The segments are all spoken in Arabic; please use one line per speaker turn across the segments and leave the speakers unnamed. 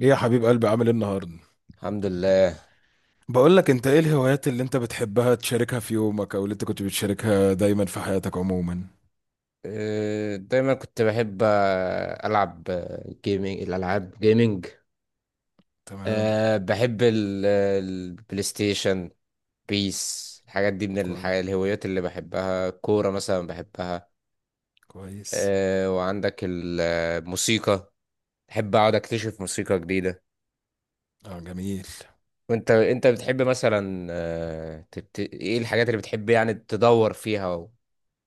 ايه يا حبيب قلبي، عامل ايه النهارده؟
الحمد لله.
بقول لك، انت ايه الهوايات اللي انت بتحبها تشاركها في يومك او اللي انت كنت بتشاركها دايما في حياتك عموما؟
دايما كنت بحب، العب جيمنج، الالعاب جيمنج.
تمام.
بحب البلاي ستيشن، بيس. الحاجات دي من
كويس،
الحاجات الهوايات اللي بحبها. كورة مثلا بحبها.
كويس.
وعندك الموسيقى، بحب اقعد اكتشف موسيقى جديدة.
اه، جميل.
وانت بتحب مثلا، ايه الحاجات اللي بتحب يعني تدور فيها و...؟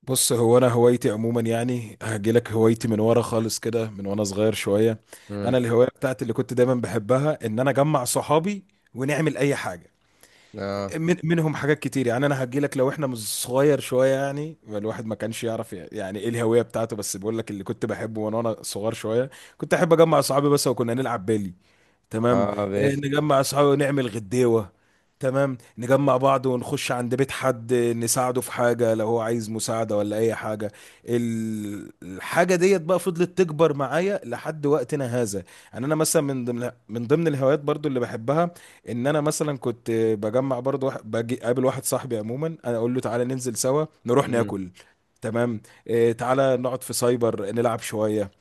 بص، هو انا هوايتي عموما يعني هجيلك هوايتي من ورا خالص كده، من وانا صغير شويه.
مم.
انا الهوايه بتاعتي اللي كنت دايما بحبها ان انا اجمع صحابي ونعمل اي حاجه.
اه.
من منهم حاجات كتير، يعني انا هجي لك. لو احنا مش صغير شويه، يعني الواحد ما كانش يعرف يعني ايه الهويه بتاعته، بس بقول لك اللي كنت بحبه وانا صغير شويه. كنت احب اجمع اصحابي بس، وكنا نلعب بالي. تمام.
اه
نجمع اصحابي ونعمل غديوه. تمام، نجمع بعض ونخش عند بيت حد، نساعده في حاجه لو هو عايز مساعده ولا اي حاجه. الحاجه ديت بقى فضلت تكبر معايا لحد وقتنا هذا. يعني انا مثلا من ضمن الهوايات برضو اللي بحبها، ان انا مثلا كنت بجمع برضو باجي قابل واحد صاحبي عموما، انا اقول له تعالى ننزل سوا نروح
مم.
ناكل. تمام. تعالى نقعد في سايبر نلعب شويه.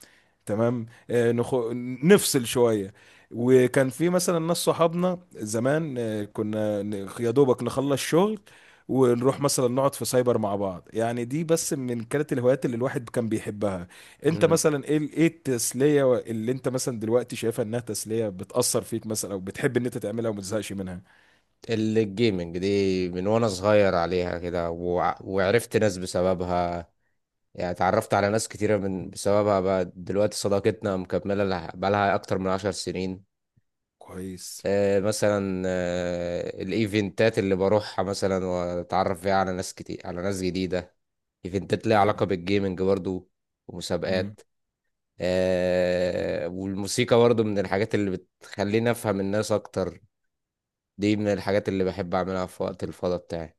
تمام. نفصل شوية. وكان في مثلا ناس صحابنا زمان، يا دوبك نخلص شغل ونروح مثلا نقعد في سايبر مع بعض، يعني دي بس من كانت الهوايات اللي الواحد كان بيحبها. انت
مم.
مثلا ايه ايه التسلية اللي انت مثلا دلوقتي شايفها انها تسلية بتأثر فيك مثلا، او بتحب ان انت تعملها وما تزهقش منها؟
الجيمنج دي من وانا صغير عليها كده، وعرفت ناس بسببها. يعني اتعرفت على ناس كتيرة من بسببها، بقى دلوقتي صداقتنا مكملة بقالها أكتر من 10 سنين.
كويس.
مثلا الإيفنتات اللي بروحها مثلا، وأتعرف فيها على ناس كتير، على ناس جديدة. إيفنتات ليها
حلو.
علاقة بالجيمنج برضو، ومسابقات. والموسيقى برضو من الحاجات اللي بتخليني أفهم الناس أكتر. دي من الحاجات اللي بحب أعملها في وقت الفضا بتاعي.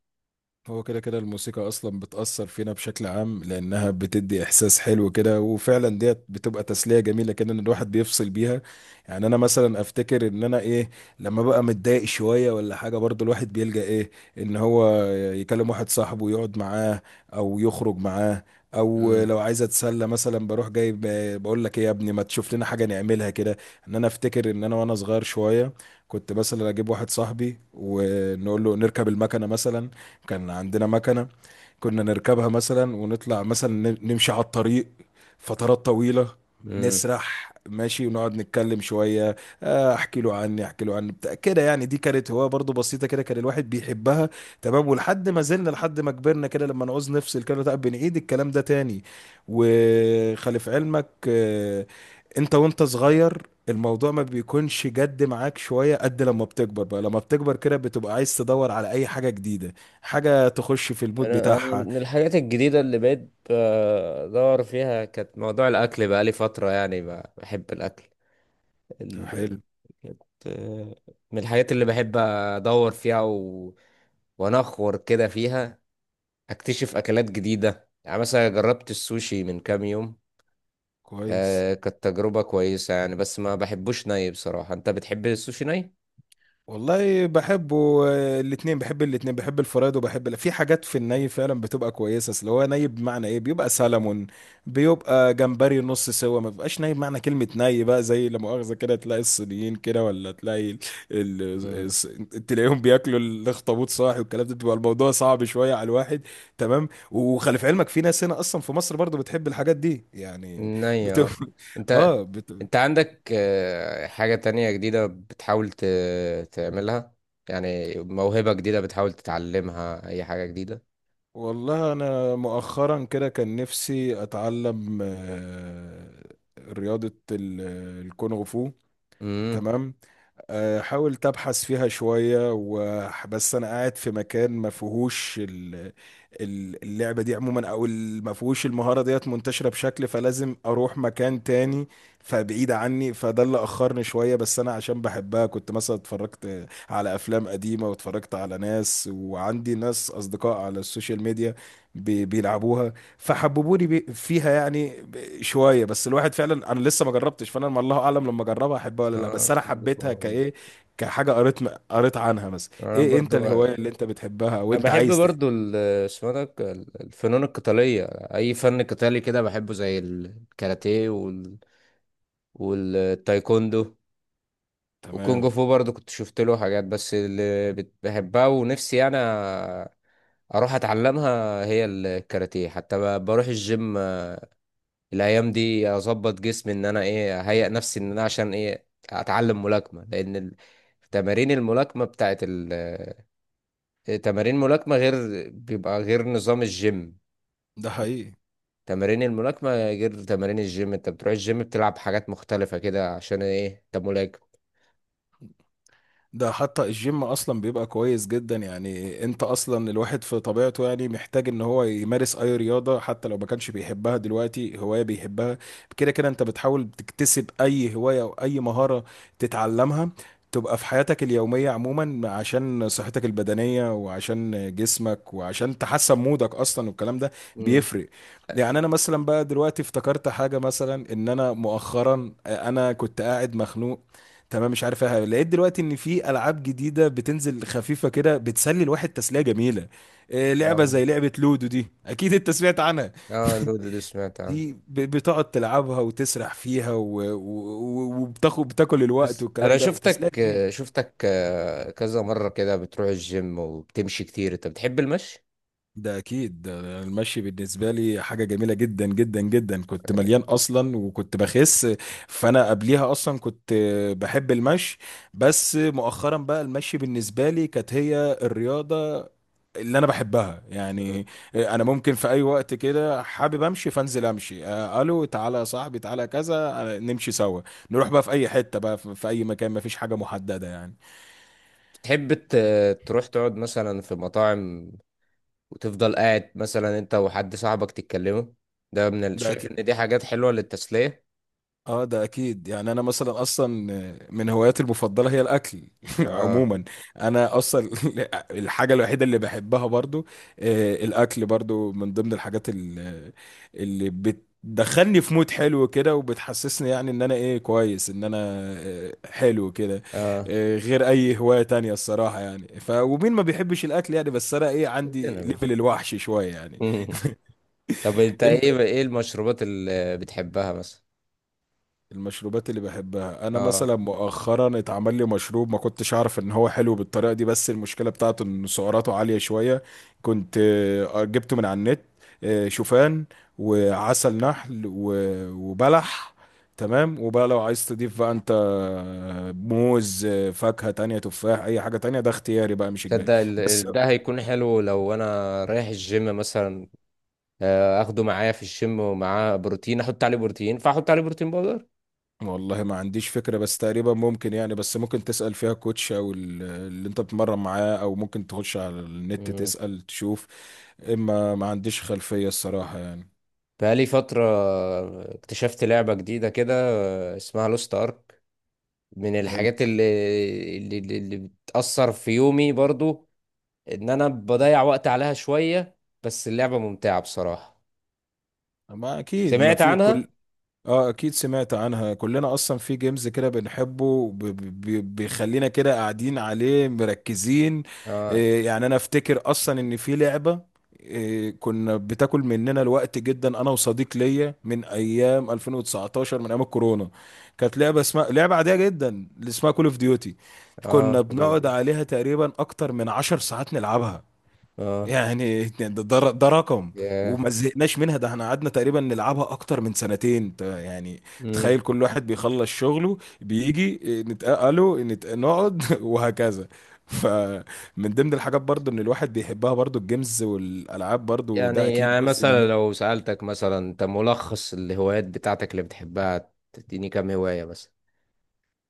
هو كده كده الموسيقى اصلا بتأثر فينا بشكل عام لانها بتدي احساس حلو كده، وفعلا ديت بتبقى تسلية جميلة كده ان الواحد بيفصل بيها. يعني انا مثلا افتكر ان انا ايه، لما بقى متضايق شوية ولا حاجة برضو الواحد بيلجأ ايه، ان هو يكلم واحد صاحبه ويقعد معاه او يخرج معاه، او لو عايز اتسلى مثلا بروح جايب بقول لك ايه يا ابني ما تشوف لنا حاجة نعملها كده. ان انا افتكر ان انا وانا صغير شوية كنت مثلا اجيب واحد صاحبي ونقول له نركب المكنة مثلا، كان عندنا مكنة، كنا نركبها مثلا ونطلع مثلا نمشي على الطريق فترات طويلة،
مم.
نسرح ماشي ونقعد نتكلم شوية. احكي له عني، احكي له عني بتاع كده، يعني دي كانت هواية برضو بسيطة كده كان الواحد بيحبها. تمام، ولحد ما زلنا لحد ما كبرنا كده لما نعوز نفصل كده، لا بنعيد الكلام ده تاني. وخلف علمك، انت وانت صغير، الموضوع ما بيكونش جد معاك شوية قد لما بتكبر، بقى لما بتكبر كده بتبقى عايز تدور على اي حاجة جديدة، حاجة تخش في المود
انا
بتاعها.
من الحاجات الجديده اللي بقيت بدور فيها، كانت موضوع الاكل. بقى لي فتره يعني بحب الاكل.
طب
ال-
حلو.
كانت، من الحاجات اللي بحب ادور فيها و... وانخور كده فيها، اكتشف اكلات جديده. يعني مثلا جربت السوشي من كام يوم.
كويس.
آه كانت تجربه كويسه يعني، بس ما بحبوش ني بصراحه. انت بتحب السوشي ني؟
والله بحبه. الاتنين، بحب الاتنين، بحب الفرايد وبحب في حاجات في الني فعلا بتبقى كويسة. اصل هو ني بمعنى ايه، بيبقى سلمون، بيبقى جمبري نص سوا ما بيبقاش ني. بمعنى كلمة ني بقى زي، لا مؤاخذة كده، تلاقي الصينيين كده ولا تلاقي ال...
مم.
تلاقيهم بياكلوا الاخطبوط صاحي، والكلام ده بيبقى الموضوع صعب شوية على الواحد. تمام. وخلي في علمك في ناس هنا اصلا في مصر برضو بتحب الحاجات دي يعني،
ني،
بتبقى
اه. انت
اه،
انت عندك، حاجة تانية جديدة بتحاول تعملها؟ يعني موهبة جديدة بتحاول تتعلمها، اي حاجة جديدة؟
والله انا مؤخرا كده كان نفسي اتعلم رياضة الكونغ فو.
امم.
تمام. حاولت ابحث فيها شويه و- بس انا قاعد في مكان ما فيهوش اللعبه دي عموما، او ما فيهوش المهاره ديت منتشره بشكل، فلازم اروح مكان تاني، فبعيد عني، فده اللي اخرني شويه. بس انا عشان بحبها كنت مثلا اتفرجت على افلام قديمه، واتفرجت على ناس، وعندي ناس اصدقاء على السوشيال ميديا بيلعبوها، فحببوني فيها يعني، شويه بس الواحد فعلا، انا لسه ما جربتش، فانا ما الله اعلم، لما اجربها احبها ولا لا،
اه
بس انا
كونج فو.
حبيتها كايه، كحاجه قريت قريت عنها. مثلا
انا
ايه انت
برضو
الهوايه اللي انت بتحبها
انا
وانت
بحب
عايز تحبها؟
برضو اسمه ده الفنون القتالية. اي فن قتالي كده بحبه، زي الكاراتيه وال... والتايكوندو. وكونج
تمام.
فو برضو كنت شفت له حاجات، بس اللي بحبها ونفسي انا اروح اتعلمها هي الكاراتيه. حتى بروح الجيم الايام دي، اظبط جسمي، ان انا ايه، اهيئ نفسي ان انا عشان ايه اتعلم ملاكمه. لان تمارين الملاكمه بتاعت تمارين الملاكمه غير، بيبقى غير نظام الجيم.
ده حقيقي.
تمارين الملاكمه غير تمارين الجيم. انت بتروح الجيم بتلعب حاجات مختلفه كده عشان ايه؟ انت ملاكم.
ده حتى الجيم اصلا بيبقى كويس جدا، يعني انت اصلا الواحد في طبيعته يعني محتاج ان هو يمارس اي رياضة حتى لو ما كانش بيحبها دلوقتي هواية بيحبها. كده كده انت بتحاول تكتسب اي هواية او اي مهارة تتعلمها، تبقى في حياتك اليومية عموما، عشان صحتك البدنية وعشان جسمك وعشان تحسن مودك اصلا والكلام ده
امم.
بيفرق. يعني انا مثلا بقى دلوقتي افتكرت حاجة مثلا، ان انا مؤخرا انا كنت قاعد مخنوق تمام، مش عارفها، لقيت دلوقتي ان في العاب جديده بتنزل خفيفه كده بتسلي الواحد تسليه جميله. لعبه
اه.
زي لعبه لودو دي اكيد انت سمعت عنها.
اه لودو دي سمعت عنه.
دي بتقعد تلعبها وتسرح فيها بتاكل الوقت
بس انا
والكلام ده، تسليه
شفتك،
جميله.
شفتك كذا مره كده بتروح الجيم وبتمشي كتير. انت بتحب المشي؟
ده اكيد، ده المشي بالنسبه لي حاجه جميله جدا جدا جدا. كنت مليان اصلا وكنت بخس، فانا قبليها اصلا كنت بحب المشي، بس مؤخرا بقى المشي بالنسبه لي كانت هي الرياضه اللي انا بحبها يعني. انا ممكن في اي وقت كده حابب امشي، فانزل امشي، الو تعالى يا صاحبي، تعالى كذا، نمشي سوا، نروح بقى في اي حتة بقى، في في اي مكان، مفيش حاجة محددة يعني.
تحب تروح تقعد مثلا في مطاعم، وتفضل قاعد مثلا انت وحد صاحبك تتكلموا؟ ده من ال...
ده
شايف ان دي حاجات حلوة للتسلية.
اه، ده اكيد، يعني انا مثلا اصلا من هواياتي المفضله هي الاكل.
اه.
عموما، انا اصلا الحاجه الوحيده اللي بحبها برضو، الاكل برضو من ضمن الحاجات اللي بتدخلني في مود حلو كده، وبتحسسني يعني ان انا ايه كويس، ان انا حلو كده،
اه
غير اي هوايه تانية الصراحه يعني. ف ومين ما بيحبش الاكل يعني، بس انا ايه عندي
كلنا بنحب.
ليفل الوحش شويه يعني.
طب انت
انت.
ايه، ايه المشروبات اللي بتحبها مثلا؟
المشروبات اللي بحبها، انا
اه.
مثلا مؤخرا اتعمل لي مشروب ما كنتش اعرف ان هو حلو بالطريقه دي، بس المشكله بتاعته ان سعراته عاليه شويه. كنت جبته من على النت، شوفان وعسل نحل وبلح. تمام، وبقى لو عايز تضيف بقى انت موز، فاكهه تانية، تفاح، اي حاجه تانية، ده اختياري بقى مش اجباري.
تصدق
بس
ده هيكون حلو لو انا رايح الجيم مثلا، اخده معايا في الجيم، ومعاه بروتين، احط عليه بروتين، فاحط عليه بروتين باودر.
والله ما عنديش فكرة، بس تقريبا ممكن يعني، بس ممكن تسأل فيها كوتش او اللي انت بتتمرن معاه، او ممكن تخش على النت
مم.
تسأل تشوف، اما ما عنديش خلفية الصراحة يعني.
بقالي فترة اكتشفت لعبة جديدة كده، اسمها لوست ارك. من
حلو.
الحاجات اللي بتأثر في يومي برضو، ان انا بضيع وقت عليها شوية، بس اللعبة ممتعة بصراحة.
ما اكيد ما
سمعت
في
عنها؟
كل. اه اكيد سمعت عنها، كلنا اصلا في جيمز كده بنحبه، بيخلينا كده قاعدين عليه مركزين.
اه.
يعني انا افتكر اصلا ان في لعبة كنا بتاكل مننا الوقت جدا، انا وصديق ليا من ايام 2019 من ايام الكورونا. كانت لعبة اسمها لعبة عادية جدا، اللي اسمها كول اوف ديوتي.
اه
كنا
حلو
بنقعد
دي.
عليها تقريبا اكتر من 10 ساعات نلعبها.
اه.
يعني ده رقم.
ياه.
وما زهقناش منها، ده احنا قعدنا تقريبا نلعبها اكتر من سنتين، يعني.
امم.
تخيل، كل واحد بيخلص شغله بيجي الو، نقعد وهكذا. فمن ضمن الحاجات برضو ان الواحد بيحبها برضو الجيمز والالعاب برضو، ده
يعني
اكيد
يعني
جزء من.
مثلا لو سألتك مثلا انت ملخص الهوايات بتاعتك اللي بتحبها، تديني كام هواية مثلا؟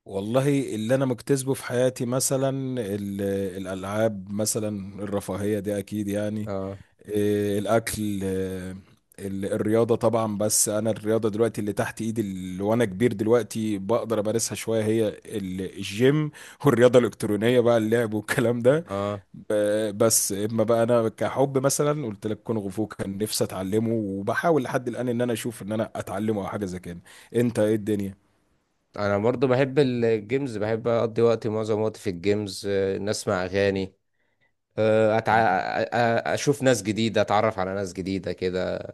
والله اللي انا مجتذبه في حياتي مثلا، ال- الالعاب مثلا، الرفاهيه دي اكيد يعني،
اه.
الاكل، الرياضه طبعا. بس انا الرياضه دلوقتي اللي تحت ايدي، اللي وانا كبير دلوقتي بقدر امارسها شويه، هي الجيم، والرياضه الالكترونيه بقى، اللعب والكلام ده.
اه.
بس اما بقى انا كحب مثلا قلت لك كونغ فو كان نفسي اتعلمه، وبحاول لحد الان ان انا اشوف ان انا اتعلمه او حاجه زي كده. انت ايه الدنيا؟
انا برضو بحب الجيمز، بحب اقضي وقتي، معظم وقتي في الجيمز، ان اسمع اغاني، آه، أتع...
تمام.
اشوف ناس جديده، اتعرف على ناس جديده كده،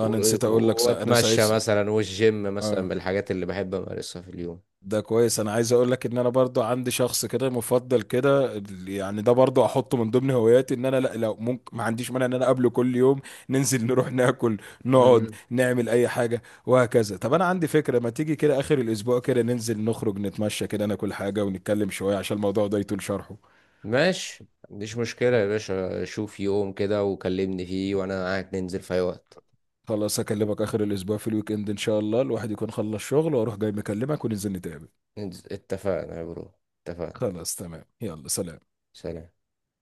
و...
انا نسيت اقول لك، صح، انا
واتمشى
سايس.
مثلا، والجيم مثلا
اه
من الحاجات اللي بحب امارسها في اليوم.
ده كويس. انا عايز اقول لك ان انا برضو عندي شخص كده مفضل كده يعني، ده برضو احطه من ضمن هواياتي، ان انا، لا لو ممكن، ما عنديش مانع ان انا اقابله كل يوم، ننزل نروح ناكل، نقعد
امم.
نعمل اي حاجه وهكذا. طب انا عندي فكره، ما تيجي كده اخر الاسبوع كده ننزل نخرج نتمشى كده، ناكل حاجه، ونتكلم شويه عشان الموضوع ده يطول شرحه.
ماشي، ما عنديش مشكله يا باشا. شوف يوم كده وكلمني فيه، وانا معاك ننزل في اي وقت.
خلاص، اكلمك اخر الاسبوع في الويك اند ان شاء الله الواحد يكون خلص شغل، واروح جاي مكلمك وننزل نتقابل.
ننزل، اتفقنا يا برو. اتفقنا.
خلاص تمام، يلا سلام.
سلام.